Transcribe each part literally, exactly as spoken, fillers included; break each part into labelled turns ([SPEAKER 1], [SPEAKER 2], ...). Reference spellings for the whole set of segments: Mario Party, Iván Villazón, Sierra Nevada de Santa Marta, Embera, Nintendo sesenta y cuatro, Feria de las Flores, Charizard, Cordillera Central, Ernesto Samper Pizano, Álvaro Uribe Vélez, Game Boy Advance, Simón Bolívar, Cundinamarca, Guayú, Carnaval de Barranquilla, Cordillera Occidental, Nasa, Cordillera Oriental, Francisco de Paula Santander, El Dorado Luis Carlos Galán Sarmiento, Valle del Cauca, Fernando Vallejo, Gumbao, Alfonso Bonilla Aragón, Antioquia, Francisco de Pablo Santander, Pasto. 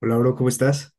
[SPEAKER 1] Hola, bro, ¿cómo estás?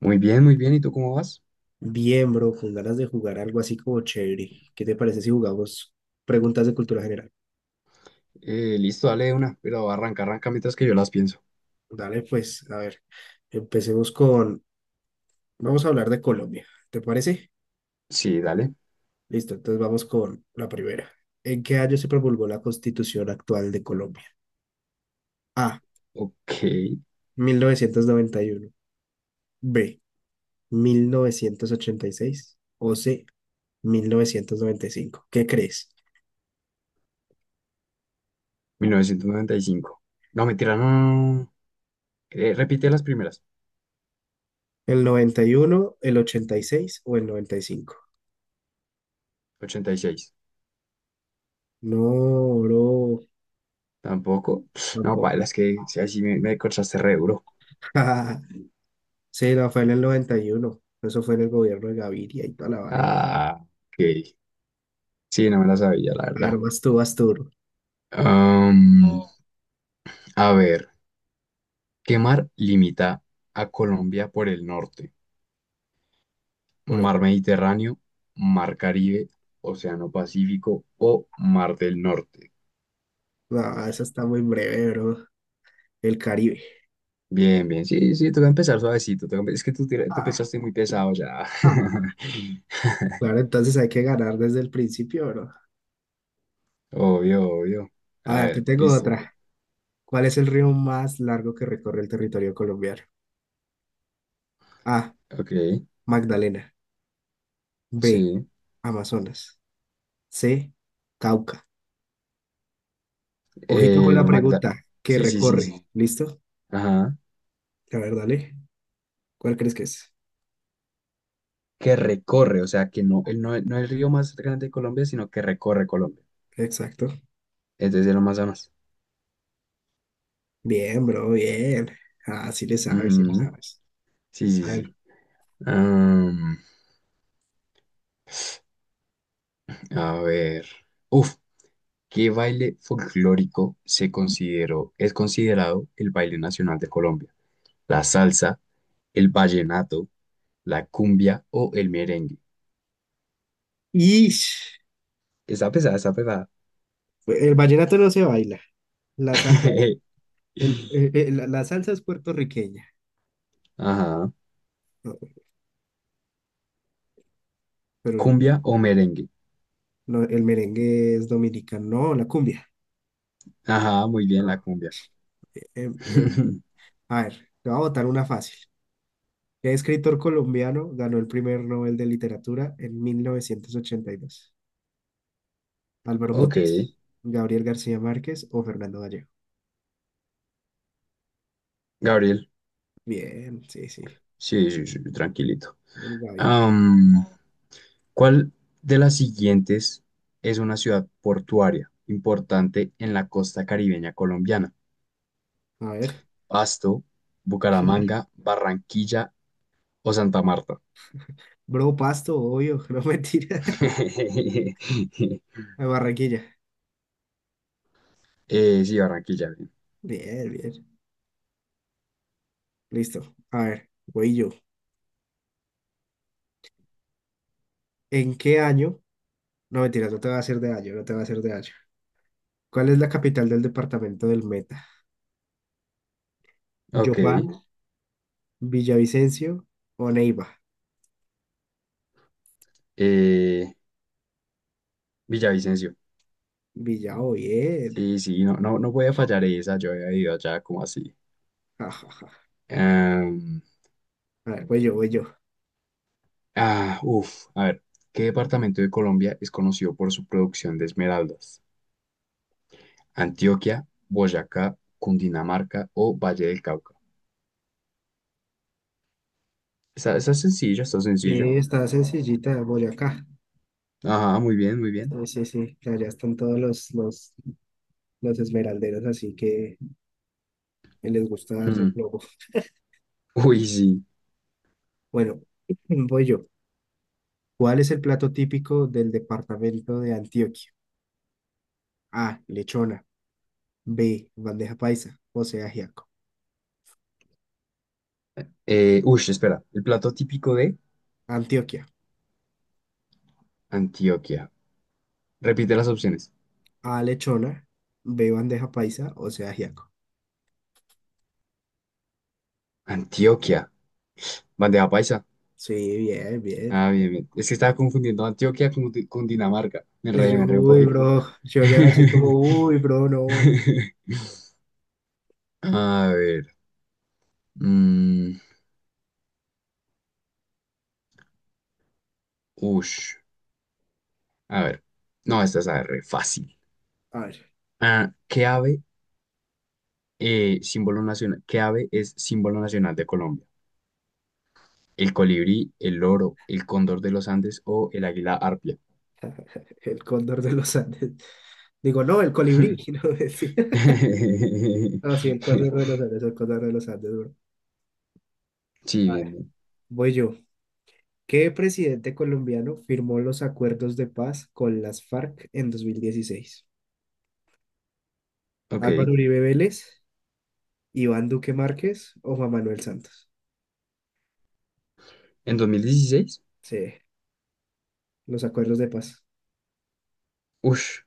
[SPEAKER 2] Muy bien, muy bien. ¿Y tú cómo vas?
[SPEAKER 1] Bien, bro, con ganas de jugar algo así como chévere. ¿Qué te parece si jugamos preguntas de cultura general?
[SPEAKER 2] Eh, listo, dale de una, pero arranca, arranca mientras que yo las pienso.
[SPEAKER 1] Dale, pues, a ver, empecemos con... Vamos a hablar de Colombia, ¿te parece?
[SPEAKER 2] Sí, dale.
[SPEAKER 1] Listo, entonces vamos con la primera. ¿En qué año se promulgó la constitución actual de Colombia? A,
[SPEAKER 2] Ok,
[SPEAKER 1] mil novecientos noventa y uno. B, mil novecientos ochenta y seis. O C, mil novecientos noventa y cinco. ¿Qué crees?
[SPEAKER 2] mil novecientos noventa y cinco. No, mentira, no, no, no. No. Eh, repite las primeras.
[SPEAKER 1] ¿El noventa y uno, el ochenta y seis o el noventa y cinco?
[SPEAKER 2] ochenta y seis.
[SPEAKER 1] No, bro,
[SPEAKER 2] Tampoco. No, paila,
[SPEAKER 1] tampoco.
[SPEAKER 2] es que si así me, me cortaste re duro.
[SPEAKER 1] Sí, no, fue en el noventa y uno. Eso fue en el gobierno de Gaviria y toda la vaina.
[SPEAKER 2] Ah, ok. Sí, no me la sabía, la
[SPEAKER 1] A ver,
[SPEAKER 2] verdad.
[SPEAKER 1] vas tú, vas tú, bro.
[SPEAKER 2] Am, a ver, ¿qué mar limita a Colombia por el norte?
[SPEAKER 1] Por el...
[SPEAKER 2] Mar Mediterráneo, Mar Caribe, Océano Pacífico o Mar del Norte.
[SPEAKER 1] No, esa está muy breve, bro. El Caribe.
[SPEAKER 2] Bien, bien, sí, sí, toca empezar suavecito. Toca empe- es que tú, tira- tú
[SPEAKER 1] Ah,
[SPEAKER 2] empezaste muy pesado ya.
[SPEAKER 1] ah. Claro, entonces hay que ganar desde el principio, bro.
[SPEAKER 2] Obvio, obvio.
[SPEAKER 1] A
[SPEAKER 2] A
[SPEAKER 1] ver, te
[SPEAKER 2] ver,
[SPEAKER 1] tengo
[SPEAKER 2] listo.
[SPEAKER 1] otra. ¿Cuál es el río más largo que recorre el territorio colombiano? A.
[SPEAKER 2] Ok,
[SPEAKER 1] Magdalena. B.
[SPEAKER 2] sí.
[SPEAKER 1] Amazonas. C. Cauca. Ojito con la
[SPEAKER 2] El Magda.
[SPEAKER 1] pregunta. ¿Qué
[SPEAKER 2] Sí, sí, sí,
[SPEAKER 1] recorre?
[SPEAKER 2] sí.
[SPEAKER 1] ¿Listo?
[SPEAKER 2] Ajá.
[SPEAKER 1] A ver, dale. ¿Cuál crees que es?
[SPEAKER 2] Que recorre, o sea, que no, el, no, no el río más grande de Colombia, sino que recorre Colombia.
[SPEAKER 1] Exacto.
[SPEAKER 2] Es desde el Amazonas.
[SPEAKER 1] Bien, bro, bien. Ah, sí le sabes, sí le, oh,
[SPEAKER 2] Ujú.
[SPEAKER 1] sabes.
[SPEAKER 2] Sí, sí,
[SPEAKER 1] A ver.
[SPEAKER 2] sí. Am, a ver. Uf. ¿Qué baile folclórico se consideró, es considerado el baile nacional de Colombia? ¿La salsa, el vallenato, la cumbia o el merengue?
[SPEAKER 1] Y
[SPEAKER 2] Está pesada, está pesada.
[SPEAKER 1] el vallenato no se baila. La salsa, el, eh, eh, la, la salsa es puertorriqueña,
[SPEAKER 2] Ajá.
[SPEAKER 1] no, pero la...
[SPEAKER 2] ¿Cumbia o merengue?
[SPEAKER 1] no, el merengue es dominicano, no, la cumbia.
[SPEAKER 2] Ajá, muy bien,
[SPEAKER 1] No,
[SPEAKER 2] la cumbia.
[SPEAKER 1] bien, bien. A ver, te voy a botar una fácil. ¿Qué escritor colombiano ganó el primer Nobel de Literatura en mil novecientos ochenta y dos? ¿Álvaro
[SPEAKER 2] Ok,
[SPEAKER 1] Mutis, Gabriel García Márquez o Fernando Vallejo?
[SPEAKER 2] Gabriel.
[SPEAKER 1] Bien, sí, sí.
[SPEAKER 2] Sí, sí, sí, tranquilito.
[SPEAKER 1] El Gaby.
[SPEAKER 2] Am, ¿cuál de las siguientes es una ciudad portuaria importante en la costa caribeña colombiana?
[SPEAKER 1] A ver.
[SPEAKER 2] Pasto, Bucaramanga, Barranquilla o Santa Marta.
[SPEAKER 1] Bro, Pasto, obvio, no mentira. De Barranquilla.
[SPEAKER 2] Eh, sí, Barranquilla, bien.
[SPEAKER 1] Bien, bien. Listo. A ver, voy yo. ¿En qué año? No mentiras, no te va a hacer de año, no te va a hacer de año. ¿Cuál es la capital del departamento del Meta?
[SPEAKER 2] Ok.
[SPEAKER 1] ¿Yopal, Villavicencio o Neiva?
[SPEAKER 2] eh, Villavicencio.
[SPEAKER 1] Villao, bien.
[SPEAKER 2] Sí, sí, no, no, no voy a fallar esa, yo había ido allá como así.
[SPEAKER 1] Ja, ja, ja.
[SPEAKER 2] Em,
[SPEAKER 1] A ver, voy yo, voy yo.
[SPEAKER 2] ah, uf, a ver, ¿qué departamento de Colombia es conocido por su producción de esmeraldas? Antioquia, Boyacá, Cundinamarca o Valle del Cauca. Está, está sencillo, está
[SPEAKER 1] Sí,
[SPEAKER 2] sencillo.
[SPEAKER 1] está sencillita, Boyacá.
[SPEAKER 2] Ajá, muy bien, muy bien.
[SPEAKER 1] Sí, sí, sí. Allá están todos los, los, los esmeralderos, así que les gusta darse
[SPEAKER 2] Hmm,
[SPEAKER 1] globo.
[SPEAKER 2] uy, sí.
[SPEAKER 1] Bueno, voy yo. ¿Cuál es el plato típico del departamento de Antioquia? A. Lechona. B. Bandeja paisa. O sea, ajiaco.
[SPEAKER 2] Eh, ush, espera. El plato típico de
[SPEAKER 1] Antioquia.
[SPEAKER 2] Antioquia. Repite las opciones.
[SPEAKER 1] A. Lechona. B. Bandeja paisa. O sea, ajiaco.
[SPEAKER 2] Antioquia. Bandeja paisa.
[SPEAKER 1] Sí, bien, bien.
[SPEAKER 2] Ah, bien, bien. Es que estaba confundiendo Antioquia con, Di- con Dinamarca. Me enredé, me
[SPEAKER 1] Yo,
[SPEAKER 2] enredé un
[SPEAKER 1] uy,
[SPEAKER 2] poquito.
[SPEAKER 1] bro. Yo ya voy a decir como, uy, bro, no.
[SPEAKER 2] A ver. mm, ush. A ver. No, esta es a ver, re fácil.
[SPEAKER 1] A ver,
[SPEAKER 2] Ah, ¿qué ave, eh, símbolo nacional, qué ave es símbolo nacional de Colombia? ¿El colibrí, el loro, el cóndor de los Andes o el águila arpia?
[SPEAKER 1] el cóndor de los Andes. Digo, no, el colibrí. No, sí, no, sí, el cóndor de los Andes, el cóndor de los Andes, bro.
[SPEAKER 2] Sí,
[SPEAKER 1] A
[SPEAKER 2] bien,
[SPEAKER 1] ver,
[SPEAKER 2] bien.
[SPEAKER 1] voy yo. ¿Qué presidente colombiano firmó los acuerdos de paz con las F A R C en dos mil dieciséis?
[SPEAKER 2] Ok.
[SPEAKER 1] Álvaro Uribe Vélez, Iván Duque Márquez o Juan Manuel Santos.
[SPEAKER 2] En dos mil dieciséis,
[SPEAKER 1] Sí, los acuerdos de paz.
[SPEAKER 2] ush,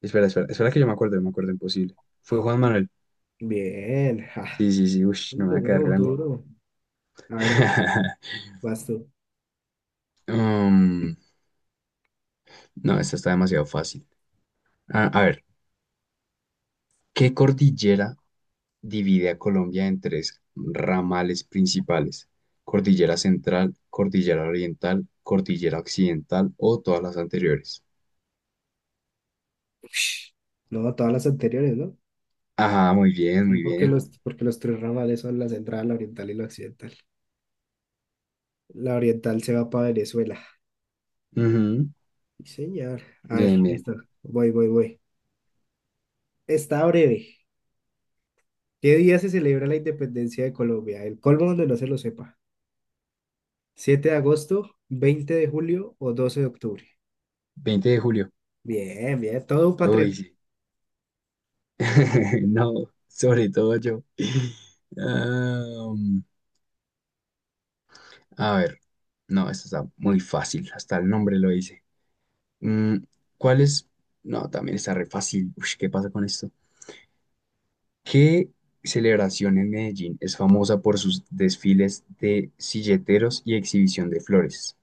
[SPEAKER 2] espera, espera, espera que yo me acuerdo, yo me acuerdo imposible. Fue Juan Manuel.
[SPEAKER 1] Bien, ja,
[SPEAKER 2] Sí, sí, sí, ush,
[SPEAKER 1] un
[SPEAKER 2] no me va a
[SPEAKER 1] duro,
[SPEAKER 2] quedar
[SPEAKER 1] un
[SPEAKER 2] grande.
[SPEAKER 1] duro. A ver, vas tú.
[SPEAKER 2] Um, no, esta está demasiado fácil. A, a ver, ¿qué cordillera divide a Colombia en tres ramales principales? Cordillera Central, Cordillera Oriental, Cordillera Occidental o todas las anteriores.
[SPEAKER 1] Ush, no, todas las anteriores, ¿no?
[SPEAKER 2] Ajá, muy bien,
[SPEAKER 1] No,
[SPEAKER 2] muy
[SPEAKER 1] Porque
[SPEAKER 2] bien.
[SPEAKER 1] los, porque los tres ramales son la central, la oriental y la occidental. La oriental se va para Venezuela.
[SPEAKER 2] Ujú.
[SPEAKER 1] Sí, señor. A ver,
[SPEAKER 2] Bien, bien.
[SPEAKER 1] listo. Voy, voy, voy. Está breve. ¿Qué día se celebra la independencia de Colombia? El colmo donde no se lo sepa. ¿Siete de agosto, veinte de julio o doce de octubre?
[SPEAKER 2] Veinte de julio.
[SPEAKER 1] Bien, bien, todo un
[SPEAKER 2] Uy,
[SPEAKER 1] patriota.
[SPEAKER 2] sí. No, sobre todo yo. Am, a ver, no, esto está muy fácil, hasta el nombre lo dice. Mm, ¿cuál es? No, también está re fácil. Uy, ¿qué pasa con esto? ¿Qué celebración en Medellín es famosa por sus desfiles de silleteros y exhibición de flores?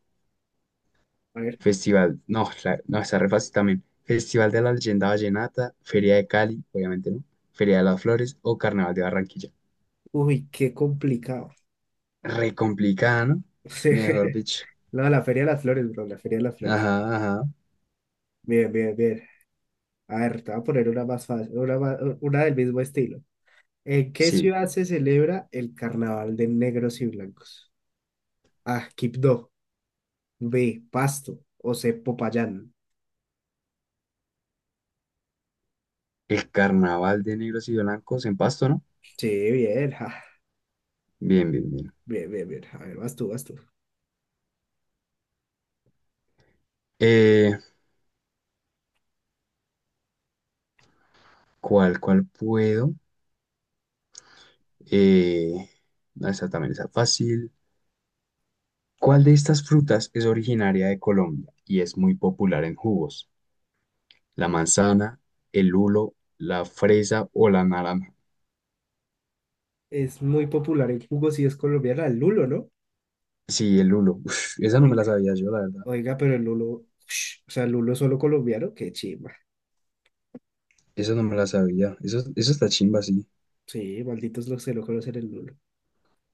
[SPEAKER 1] A ver,
[SPEAKER 2] Festival, no, la- no, está re fácil también. Festival de la Leyenda Vallenata, Feria de Cali, obviamente no, Feria de las Flores o Carnaval de Barranquilla.
[SPEAKER 1] uy, qué complicado.
[SPEAKER 2] Re complicada, ¿no? Mejor
[SPEAKER 1] Sí.
[SPEAKER 2] dicho.
[SPEAKER 1] No, la Feria de las Flores, bro, la Feria de las Flores.
[SPEAKER 2] Ajá, ajá.
[SPEAKER 1] Bien, bien, bien. A ver, te voy a poner una más fácil, una, ma- una del mismo estilo. ¿En qué
[SPEAKER 2] Sí.
[SPEAKER 1] ciudad se celebra el Carnaval de Negros y Blancos? A, Quibdó, B, Pasto o C, Popayán.
[SPEAKER 2] El carnaval de negros y blancos en Pasto, ¿no?
[SPEAKER 1] Sí, bien, ja.
[SPEAKER 2] Bien, bien, bien.
[SPEAKER 1] Bien, bien, bien. A ver, vas tú, vas tú.
[SPEAKER 2] Eh, ¿cuál, cuál puedo? Eh, no, esta también está fácil. ¿Cuál de estas frutas es originaria de Colombia y es muy popular en jugos? ¿La manzana, el lulo, la fresa o la naranja?
[SPEAKER 1] Es muy popular en jugos y es colombiana, el lulo, ¿no?
[SPEAKER 2] Sí, el lulo. Uf, esa no me la
[SPEAKER 1] Oiga,
[SPEAKER 2] sabía yo, la verdad.
[SPEAKER 1] oiga, pero el lulo, ush, o sea, el lulo solo colombiano, qué chimba.
[SPEAKER 2] Esa no me la sabía. Eso, eso está chimba, sí.
[SPEAKER 1] Sí, malditos los que no conocen el lulo.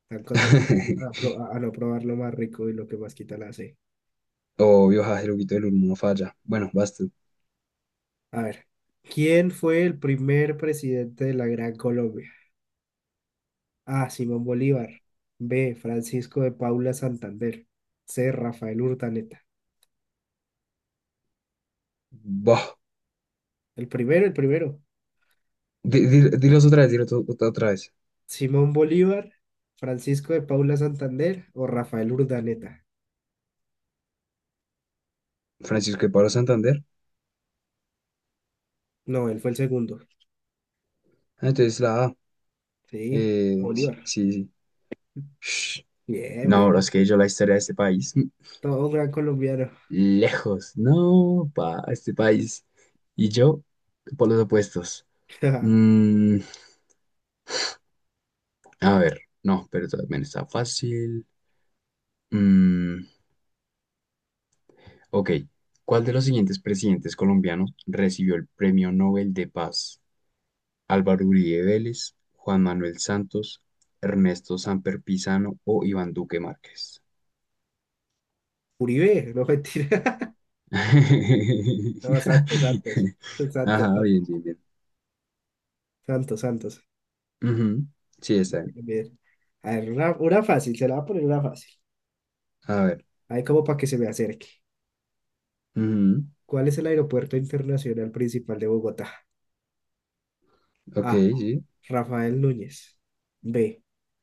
[SPEAKER 1] Están condenados a, pro- a no probar lo más rico y lo que más quita la C.
[SPEAKER 2] Obvio, Jajiruquito del Olmo no falla. Bueno, basta.
[SPEAKER 1] A ver, ¿quién fue el primer presidente de la Gran Colombia? A. Simón Bolívar. B. Francisco de Paula Santander. C. Rafael Urdaneta.
[SPEAKER 2] Bah.
[SPEAKER 1] El primero, el primero.
[SPEAKER 2] Di- di- Dilos otra vez, dilos to- to- otra vez.
[SPEAKER 1] Simón Bolívar, Francisco de Paula Santander o Rafael Urdaneta.
[SPEAKER 2] Francisco de Pablo Santander.
[SPEAKER 1] No, él fue el segundo.
[SPEAKER 2] Ah, entonces la A.
[SPEAKER 1] Sí,
[SPEAKER 2] Eh, sí,
[SPEAKER 1] Bolívar.
[SPEAKER 2] sí. Sí. Shh.
[SPEAKER 1] Bien,
[SPEAKER 2] No, bro, es
[SPEAKER 1] bien.
[SPEAKER 2] que yo la historia de este país. mm,
[SPEAKER 1] Todo un gran colombiano.
[SPEAKER 2] Lejos. No, pa, este país. Y yo, por los opuestos. Mm, a ver, no, pero también está fácil. Mm, ok. ¿Cuál de los siguientes presidentes colombianos recibió el Premio Nobel de Paz? Álvaro Uribe Vélez, Juan Manuel Santos, Ernesto Samper Pizano o Iván Duque Márquez.
[SPEAKER 1] Uribe, no mentira. No, Santos, Santos. Santos,
[SPEAKER 2] Ajá, bien, bien, bien.
[SPEAKER 1] Santos, Santos.
[SPEAKER 2] Ujú, sí,
[SPEAKER 1] Bien,
[SPEAKER 2] está bien.
[SPEAKER 1] bien. A ver, una, una fácil, se la va a poner una fácil.
[SPEAKER 2] A ver.
[SPEAKER 1] Ahí como para que se me acerque.
[SPEAKER 2] Ujú.
[SPEAKER 1] ¿Cuál es el aeropuerto internacional principal de Bogotá?
[SPEAKER 2] Ok,
[SPEAKER 1] A.
[SPEAKER 2] sí.
[SPEAKER 1] Rafael Núñez. B.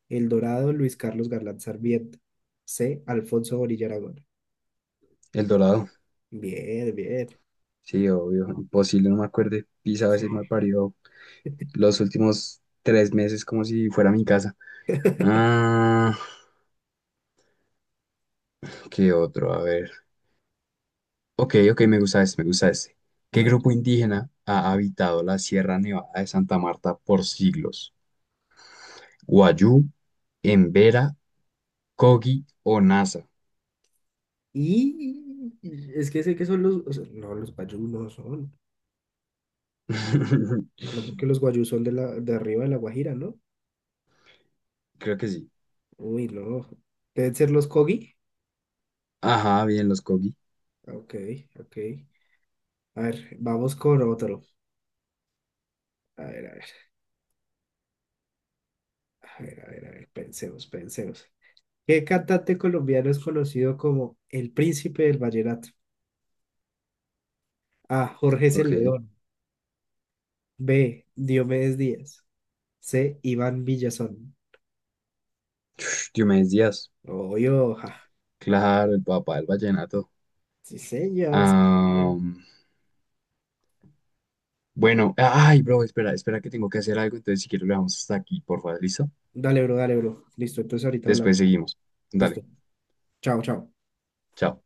[SPEAKER 1] El Dorado Luis Carlos Galán Sarmiento. C. Alfonso Bonilla Aragón.
[SPEAKER 2] El Dorado.
[SPEAKER 1] Bien, bien.
[SPEAKER 2] Sí, obvio. Imposible, no me acuerde. Pisaba
[SPEAKER 1] Sí.
[SPEAKER 2] ese mal parido los últimos tres meses como si fuera mi casa. Ah, ¿qué otro? A ver. Ok, ok, me gusta ese, me gusta ese.
[SPEAKER 1] A
[SPEAKER 2] ¿Qué
[SPEAKER 1] ver.
[SPEAKER 2] grupo indígena ha habitado la Sierra Nevada de Santa Marta por siglos? Guayú, Embera, Kogi o Nasa.
[SPEAKER 1] Y es que sé que son los, o sea, no, los guayú no son, no porque los guayú son de la, de arriba de la Guajira, ¿no?
[SPEAKER 2] Creo que sí.
[SPEAKER 1] Uy, no, deben ser los Kogi.
[SPEAKER 2] Ajá, bien, los Kogi.
[SPEAKER 1] Ok, ok. A ver, vamos con otro. A ver, a ver, a ver, a ver, a ver, pensemos, pensemos. ¿Qué cantante colombiano es conocido como el príncipe del vallenato? A, Jorge
[SPEAKER 2] Ok.
[SPEAKER 1] Celedón. B, Diomedes Díaz. C, Iván Villazón.
[SPEAKER 2] Diomedes Díaz.
[SPEAKER 1] Oyo, ja.
[SPEAKER 2] Claro, el papá del vallenato.
[SPEAKER 1] Sí, señor, sí, señor.
[SPEAKER 2] Am, bueno, ay, bro, espera, espera que tengo que hacer algo, entonces si quiero lo dejamos hasta aquí, por favor, ¿listo?
[SPEAKER 1] Dale, bro, dale, bro. Listo, entonces ahorita
[SPEAKER 2] Después
[SPEAKER 1] hablamos.
[SPEAKER 2] seguimos.
[SPEAKER 1] Listo.
[SPEAKER 2] Dale,
[SPEAKER 1] Chao, chao.
[SPEAKER 2] chao.